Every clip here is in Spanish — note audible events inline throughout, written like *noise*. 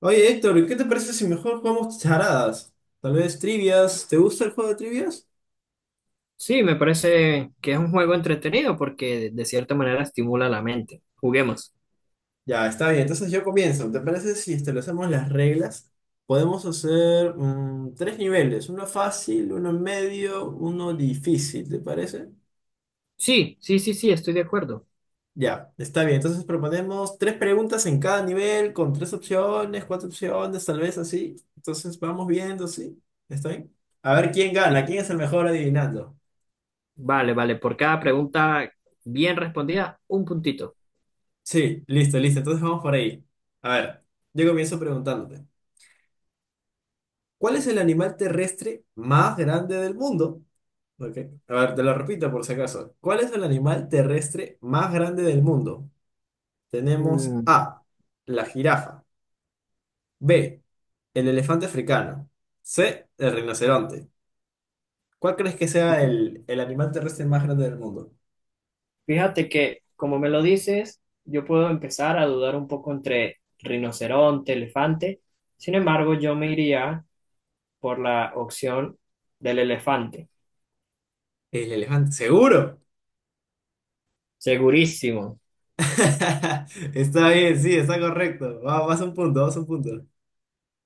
Oye, Héctor, ¿qué te parece si mejor jugamos charadas? Tal vez trivias. ¿Te gusta el juego de trivias? Sí, me parece que es un juego entretenido porque de cierta manera estimula la mente. Juguemos. Ya, está bien. Entonces yo comienzo. ¿Te parece si establecemos las reglas? Podemos hacer tres niveles. Uno fácil, uno medio, uno difícil. ¿Te parece? Sí, sí, sí, sí, estoy de acuerdo. Ya, está bien. Entonces proponemos tres preguntas en cada nivel con tres opciones, cuatro opciones, tal vez así. Entonces vamos viendo, ¿sí? ¿Está bien? A ver quién gana, Y- quién es el mejor adivinando. Vale, vale, por cada pregunta bien respondida, un puntito. Sí, listo, listo. Entonces vamos por ahí. A ver, yo comienzo preguntándote, ¿cuál es el animal terrestre más grande del mundo? Ok. A ver, te lo repito por si acaso. ¿Cuál es el animal terrestre más grande del mundo? Tenemos Mm, A, la jirafa, B, el elefante africano, C, el rinoceronte. ¿Cuál crees que sea el animal terrestre más grande del mundo? Fíjate que, como me lo dices, yo puedo empezar a dudar un poco entre rinoceronte, elefante. Sin embargo, yo me iría por la opción del elefante. El elefante, seguro. Segurísimo. *laughs* Está bien, sí, está correcto. Va- Vas a un punto, vas a un punto.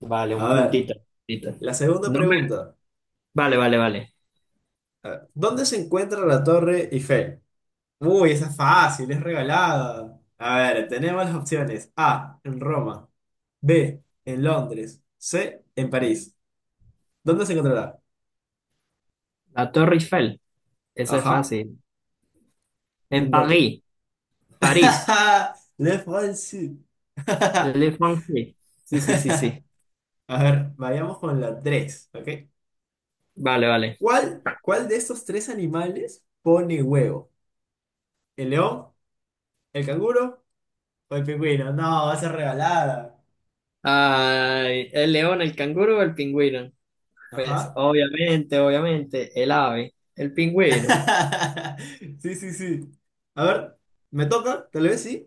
Vale, un A ver. puntito. Puntito. La segunda No me- pregunta. Vale, vale, vale. A ver, ¿dónde se encuentra la Torre Eiffel? Uy, esa es fácil, es regalada. A ver, tenemos las opciones. A, en Roma. B, en Londres. C, en París. ¿Dónde se encontrará? La Torre Eiffel. Eso es Ajá, fácil. En ¿en dónde? París, París, *laughs* Le fancy. Le *laughs* Français. Sí, sí, sí, sí. A ver, vayamos con la tres, ¿ok? Vale, vale. ¿Cuál de estos tres animales pone huevo? ¿El león, el canguro o el pingüino? No, va a ser regalada. Ay, el león, el canguro o el pingüino. Pues Ajá. obviamente, obviamente, el ave, el pingüino. *laughs* Sí, sí, sí. A ver, ¿me toca? Tal vez sí.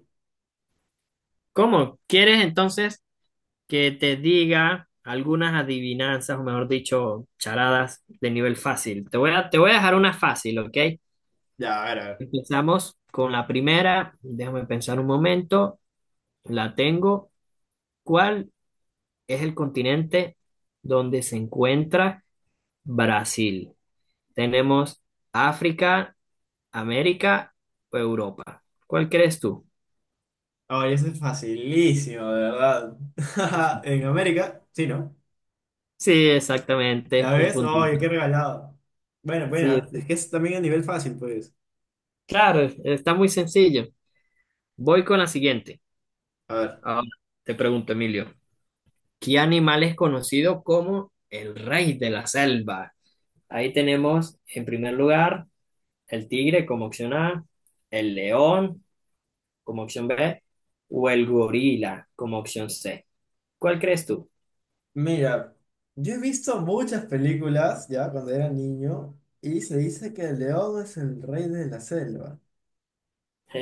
¿Cómo? ¿Quieres entonces que te diga algunas adivinanzas, o mejor dicho, charadas de nivel fácil? Te voy a dejar una fácil, ¿ok? Ya, a ver, a ver. Empezamos con la primera. Déjame pensar un momento. La tengo. ¿Cuál es el continente donde se encuentra Brasil? Tenemos África, América o Europa. ¿Cuál crees tú? Ay, eso es facilísimo, de verdad. *laughs* En América, sí, ¿no? Sí, exactamente, ¿Ya un ves? Oye, puntito. qué regalado. Bueno, Sí, bueno, es sí. que es también a nivel fácil, pues. Claro, está muy sencillo. Voy con la siguiente. A ver, Ahora te pregunto, Emilio, ¿qué animal es conocido como el rey de la selva? Ahí tenemos, en primer lugar, el tigre como opción A, el león como opción B o el gorila como opción C. ¿Cuál crees tú? mira, yo he visto muchas películas ya cuando era niño y se dice que el león es el rey de la selva.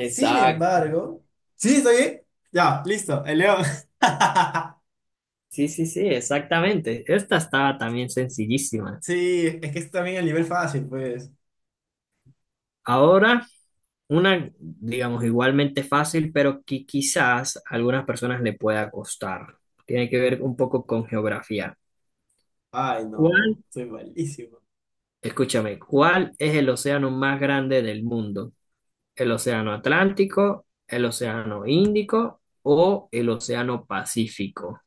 Sin embargo, ¿sí estoy bien? Ya, listo, el león. *laughs* Sí, sí, sí, exactamente. Esta estaba también sencillísima. Sí, es que es también el nivel fácil, pues. Ahora, una, digamos, igualmente fácil, pero que quizás a algunas personas le pueda costar. Tiene que ver un poco con geografía. Ay, no, ¿Cuál, soy malísimo. escúchame, cuál es el océano más grande del mundo? ¿El océano Atlántico, el océano Índico o el océano Pacífico?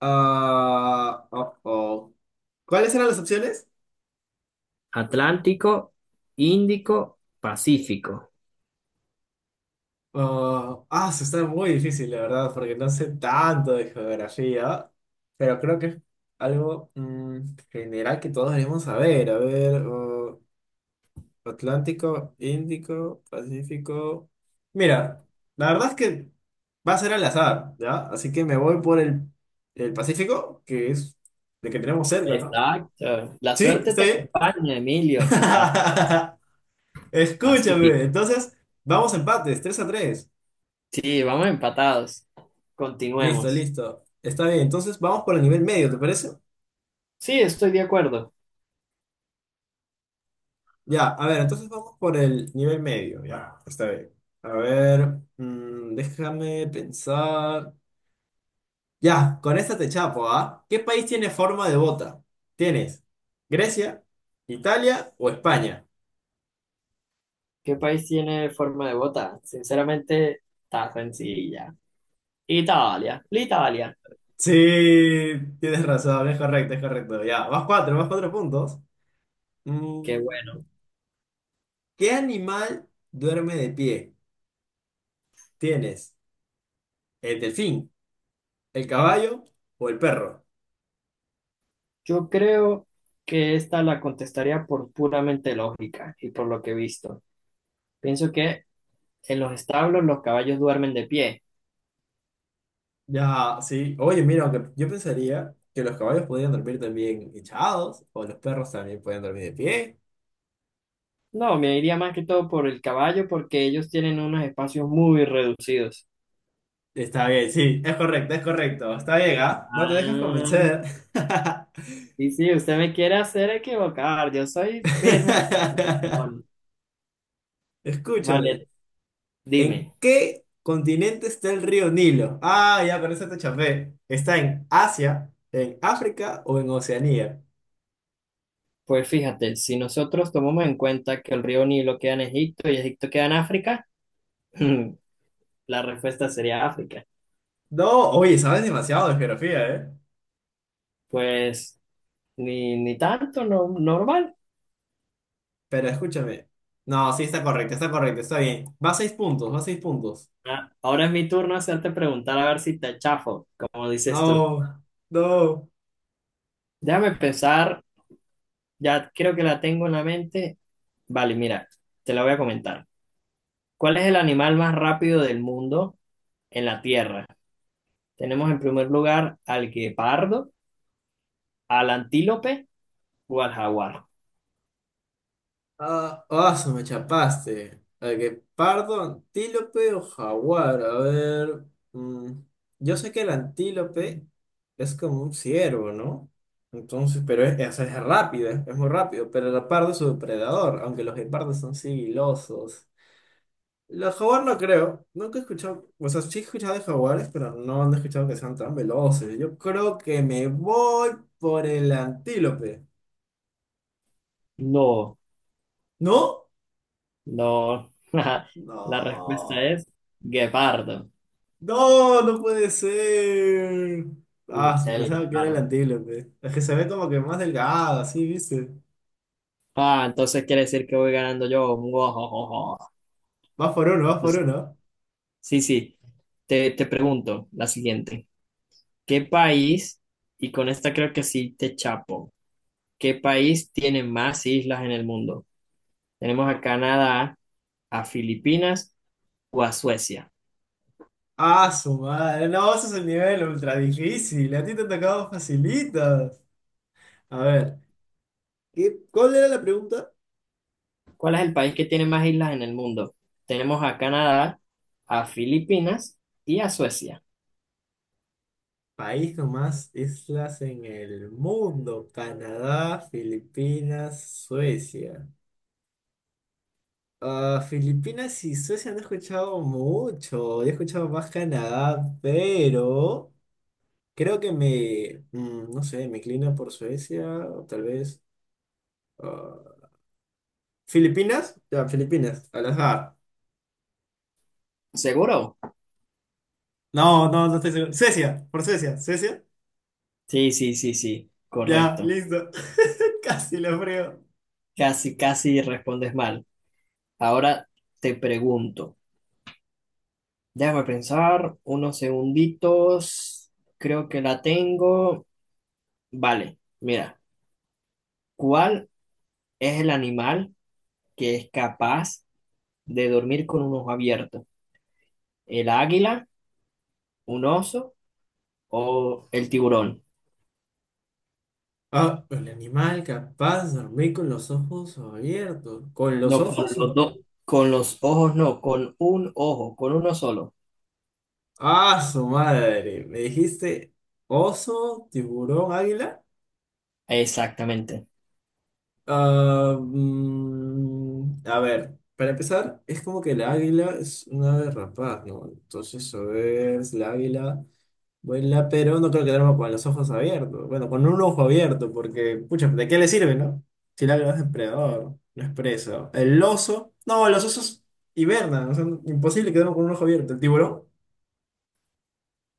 Ah, oh, oh. ¿Cuáles eran las opciones? Atlántico, Índico, Pacífico. Oh, ah, eso está muy difícil, la verdad, porque no sé tanto de geografía, pero creo que es algo general que todos debemos saber. A ver, oh, Atlántico, Índico, Pacífico. Mira, la verdad es que va a ser al azar, ¿ya? Así que me voy por el Pacífico, que es el que tenemos cerca, ¿no? Exacto. La ¿Sí? suerte ¿Está te bien? acompaña, Emilio. Así es. *laughs* Escúchame. Pacífico. Entonces, vamos a empates, 3 a 3. Sí, vamos empatados. Listo, Continuemos. listo. Está bien. Entonces, vamos por el nivel medio, ¿te parece? Sí, estoy de acuerdo. Ya, a ver, entonces vamos por el nivel medio, ya. Está bien. A ver, déjame pensar. Ya, con esta te chapo, ¿ah? ¿Qué país tiene forma de bota? ¿Tienes Grecia, Italia o España? ¿Qué país tiene forma de bota? Sinceramente, está sencilla. Italia. L'Italia. Sí, tienes razón, es correcto, es correcto. Ya, más cuatro puntos. Qué Mm, bueno. ¿Qué animal duerme de pie? ¿Tienes el delfín, el caballo o el perro? Yo creo que esta la contestaría por puramente lógica y por lo que he visto. Pienso que en los establos los caballos duermen de pie. Ya, sí. Oye, mira, aunque yo pensaría que los caballos podían dormir también echados o los perros también pueden dormir de pie. No, me iría más que todo por el caballo porque ellos tienen unos espacios muy reducidos. Está bien, sí, es correcto, es correcto. Está bien, ¿ah? No te dejas Ah, convencer. y sí, usted me quiere hacer equivocar, yo soy firme. Bueno, *laughs* Escúchame, vale, ¿en dime. qué continente está el río Nilo? Ah, ya, con eso te chafé. ¿Está en Asia, en África o en Oceanía? Pues fíjate, si nosotros tomamos en cuenta que el río Nilo queda en Egipto y Egipto queda en África, *clears throat* *laughs* la respuesta sería África. No, oye, sabes demasiado de geografía, ¿eh? Pues ni tanto, no, normal. Pero escúchame. No, sí, está correcto, está correcto, está bien. Va a seis puntos, va a seis puntos. Ah, ahora es mi turno hacerte preguntar a ver si te chafo, como dices tú. No, no. Déjame pensar. Ya creo que la tengo en la mente. Vale, mira, te la voy a comentar. ¿Cuál es el animal más rápido del mundo en la Tierra? Tenemos en primer lugar al guepardo, al antílope o al jaguar. Ah, ah, se me chapaste. A que pardo, antílope o jaguar. A ver. mm, yo sé que el antílope es como un ciervo, ¿no? Entonces, pero es rápido, es muy rápido. Pero el leopardo es su depredador, aunque los leopardos son sigilosos. Los jaguar no creo. Nunca he escuchado. O sea, sí he escuchado de jaguares, pero no, han escuchado que sean tan veloces. Yo creo que me voy por el antílope. No, ¿No? no. *laughs* La respuesta es No. guepardo. No, no puede ser. Ah, Sí, el pensaba que era el guepardo. antílope. Es que se ve como que más delgado, así, ¿viste? Ah, entonces quiere decir que voy ganando yo. *laughs* Uojojojo. Vas por uno, vas por Entonces, uno. sí, sí. Te pregunto la siguiente. ¿Qué país? Y con esta creo que sí te chapo. ¿Qué país tiene más islas en el mundo? Tenemos a Canadá, a Filipinas o a Suecia. Ah, su madre. No, ese es el nivel ultra difícil. A ti te ha tocado facilitas. A ver, ¿qué, cuál era la pregunta? ¿Cuál es el país que tiene más islas en el mundo? Tenemos a Canadá, a Filipinas y a Suecia. País con más islas en el mundo. Canadá, Filipinas, Suecia. Ah, Filipinas y Suecia no he escuchado mucho. He escuchado más Canadá, pero... Creo que me, no sé, me inclina por Suecia, o tal vez. ah, ¿Filipinas? Ya, Filipinas, al azar. ¿Seguro? No, no, no estoy seguro. Suecia, por Suecia, Suecia. Sí, sí, sí, sí, Ya, correcto. listo. *laughs* Casi lo creo. Casi, casi respondes mal. Ahora te pregunto. Déjame pensar unos segunditos. Creo que la tengo. Vale, mira, ¿cuál es el animal que es capaz de dormir con un ojo abierto? ¿El águila, un oso o el tiburón? Ah, el animal capaz de dormir con los ojos abiertos. ¿Con los No, con ojos? O- los dos, con los ojos no, con un ojo, con uno solo. Ah, su madre. ¿Me dijiste oso, tiburón, águila? Exactamente. Ah, a ver, para empezar, es como que el águila es una ave rapaz, ¿no? Entonces, a ver, si la águila vuela, pero no creo que duerma con los ojos abiertos. Bueno, con un ojo abierto, porque, pucha, ¿de qué le sirve, no? Si el águila es depredador, no es presa. El oso, no, los osos hibernan, o sea, imposible que duerman con un ojo abierto. El tiburón,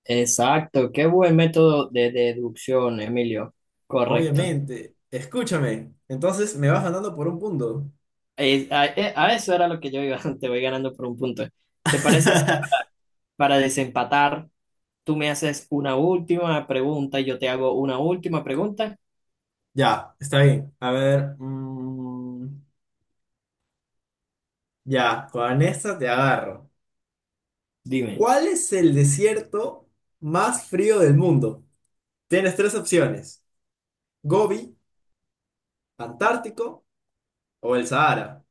Exacto, qué buen método de deducción, Emilio. Correcto. obviamente. Escúchame, entonces me vas ganando por un punto. A eso era lo que yo iba, *laughs* te voy ganando por un punto. ¿Te parece si *laughs* para, para desempatar, tú me haces una última pregunta y yo te hago una última pregunta? Ya, está bien. A ver. Ya, con esta te agarro. Dime, ¿Cuál es el desierto más frío del mundo? Tienes tres opciones: Gobi, Antártico o el Sahara.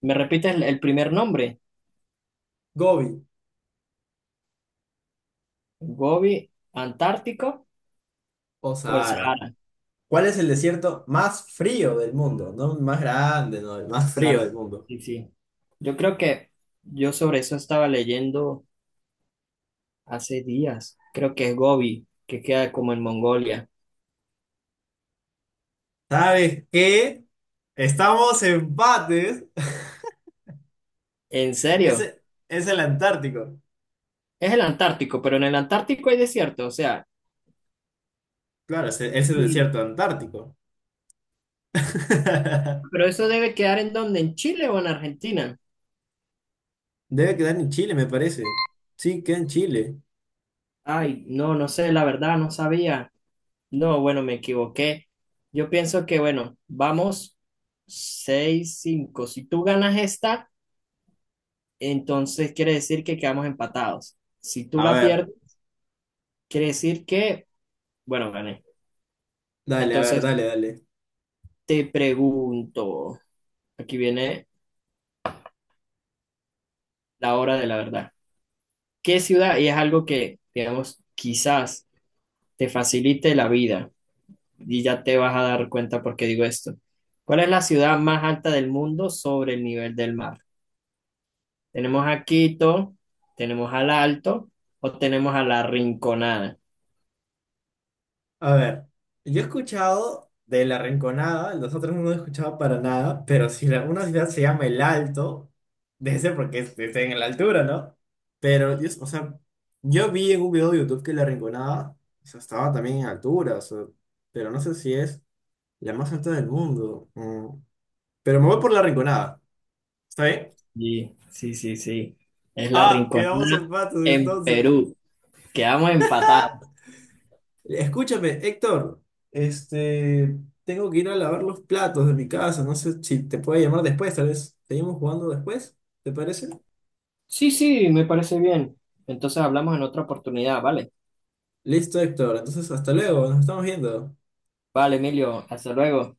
¿me repites el primer nombre? Gobi Gobi, Antártico o o el Sahara. Sahara. ¿Cuál es el desierto más frío del mundo? No el más grande, no, el más frío Claro, del mundo. sí, sí. Yo creo que yo sobre eso estaba leyendo hace días. Creo que es Gobi, que queda como en Mongolia. ¿Sabes qué? Estamos empates. ¿En *laughs* serio? Ese es el Antártico. Es el Antártico, pero en el Antártico hay desierto, o sea. Claro, es es el Sí. desierto antártico. *laughs* Pero eso debe quedar en donde, ¿en Chile o en Argentina? Debe quedar en Chile, me parece. Sí, queda en Chile. Ay, no, no sé, la verdad, no sabía. No, bueno, me equivoqué. Yo pienso que, bueno, vamos 6, 5. Si tú ganas esta... Entonces quiere decir que quedamos empatados. Si tú A la ver. pierdes, quiere decir que, bueno, gané. Dale, a ver, Entonces dale, dale. te pregunto, aquí viene la hora de la verdad. ¿Qué ciudad? Y es algo que, digamos, quizás te facilite la vida y ya te vas a dar cuenta por qué digo esto. ¿Cuál es la ciudad más alta del mundo sobre el nivel del mar? Tenemos a Quito, tenemos al Alto o tenemos a la Rinconada. A ver, yo he escuchado de La Rinconada, los otros no los he escuchado para nada, pero si la- una ciudad se llama El Alto, debe ser porque es- está en la altura, ¿no? Pero, yo, o sea, yo vi en un video de YouTube que La Rinconada, o sea, estaba también en altura, o sea, pero no sé si es la más alta del mundo. Mm. Pero me voy por La Rinconada, ¿está bien? Sí, sí, sí, sí. Es la Ah, quedamos Rinconada empates en entonces. Perú. Quedamos empatados. Escúchame, Héctor, este, tengo que ir a lavar los platos de mi casa, no sé si te puedo llamar después, tal vez seguimos jugando después, ¿te parece? Sí, sí, me parece bien. Entonces hablamos en otra oportunidad, ¿vale? Listo, Héctor, entonces hasta luego, nos estamos viendo. Vale, Emilio, hasta luego.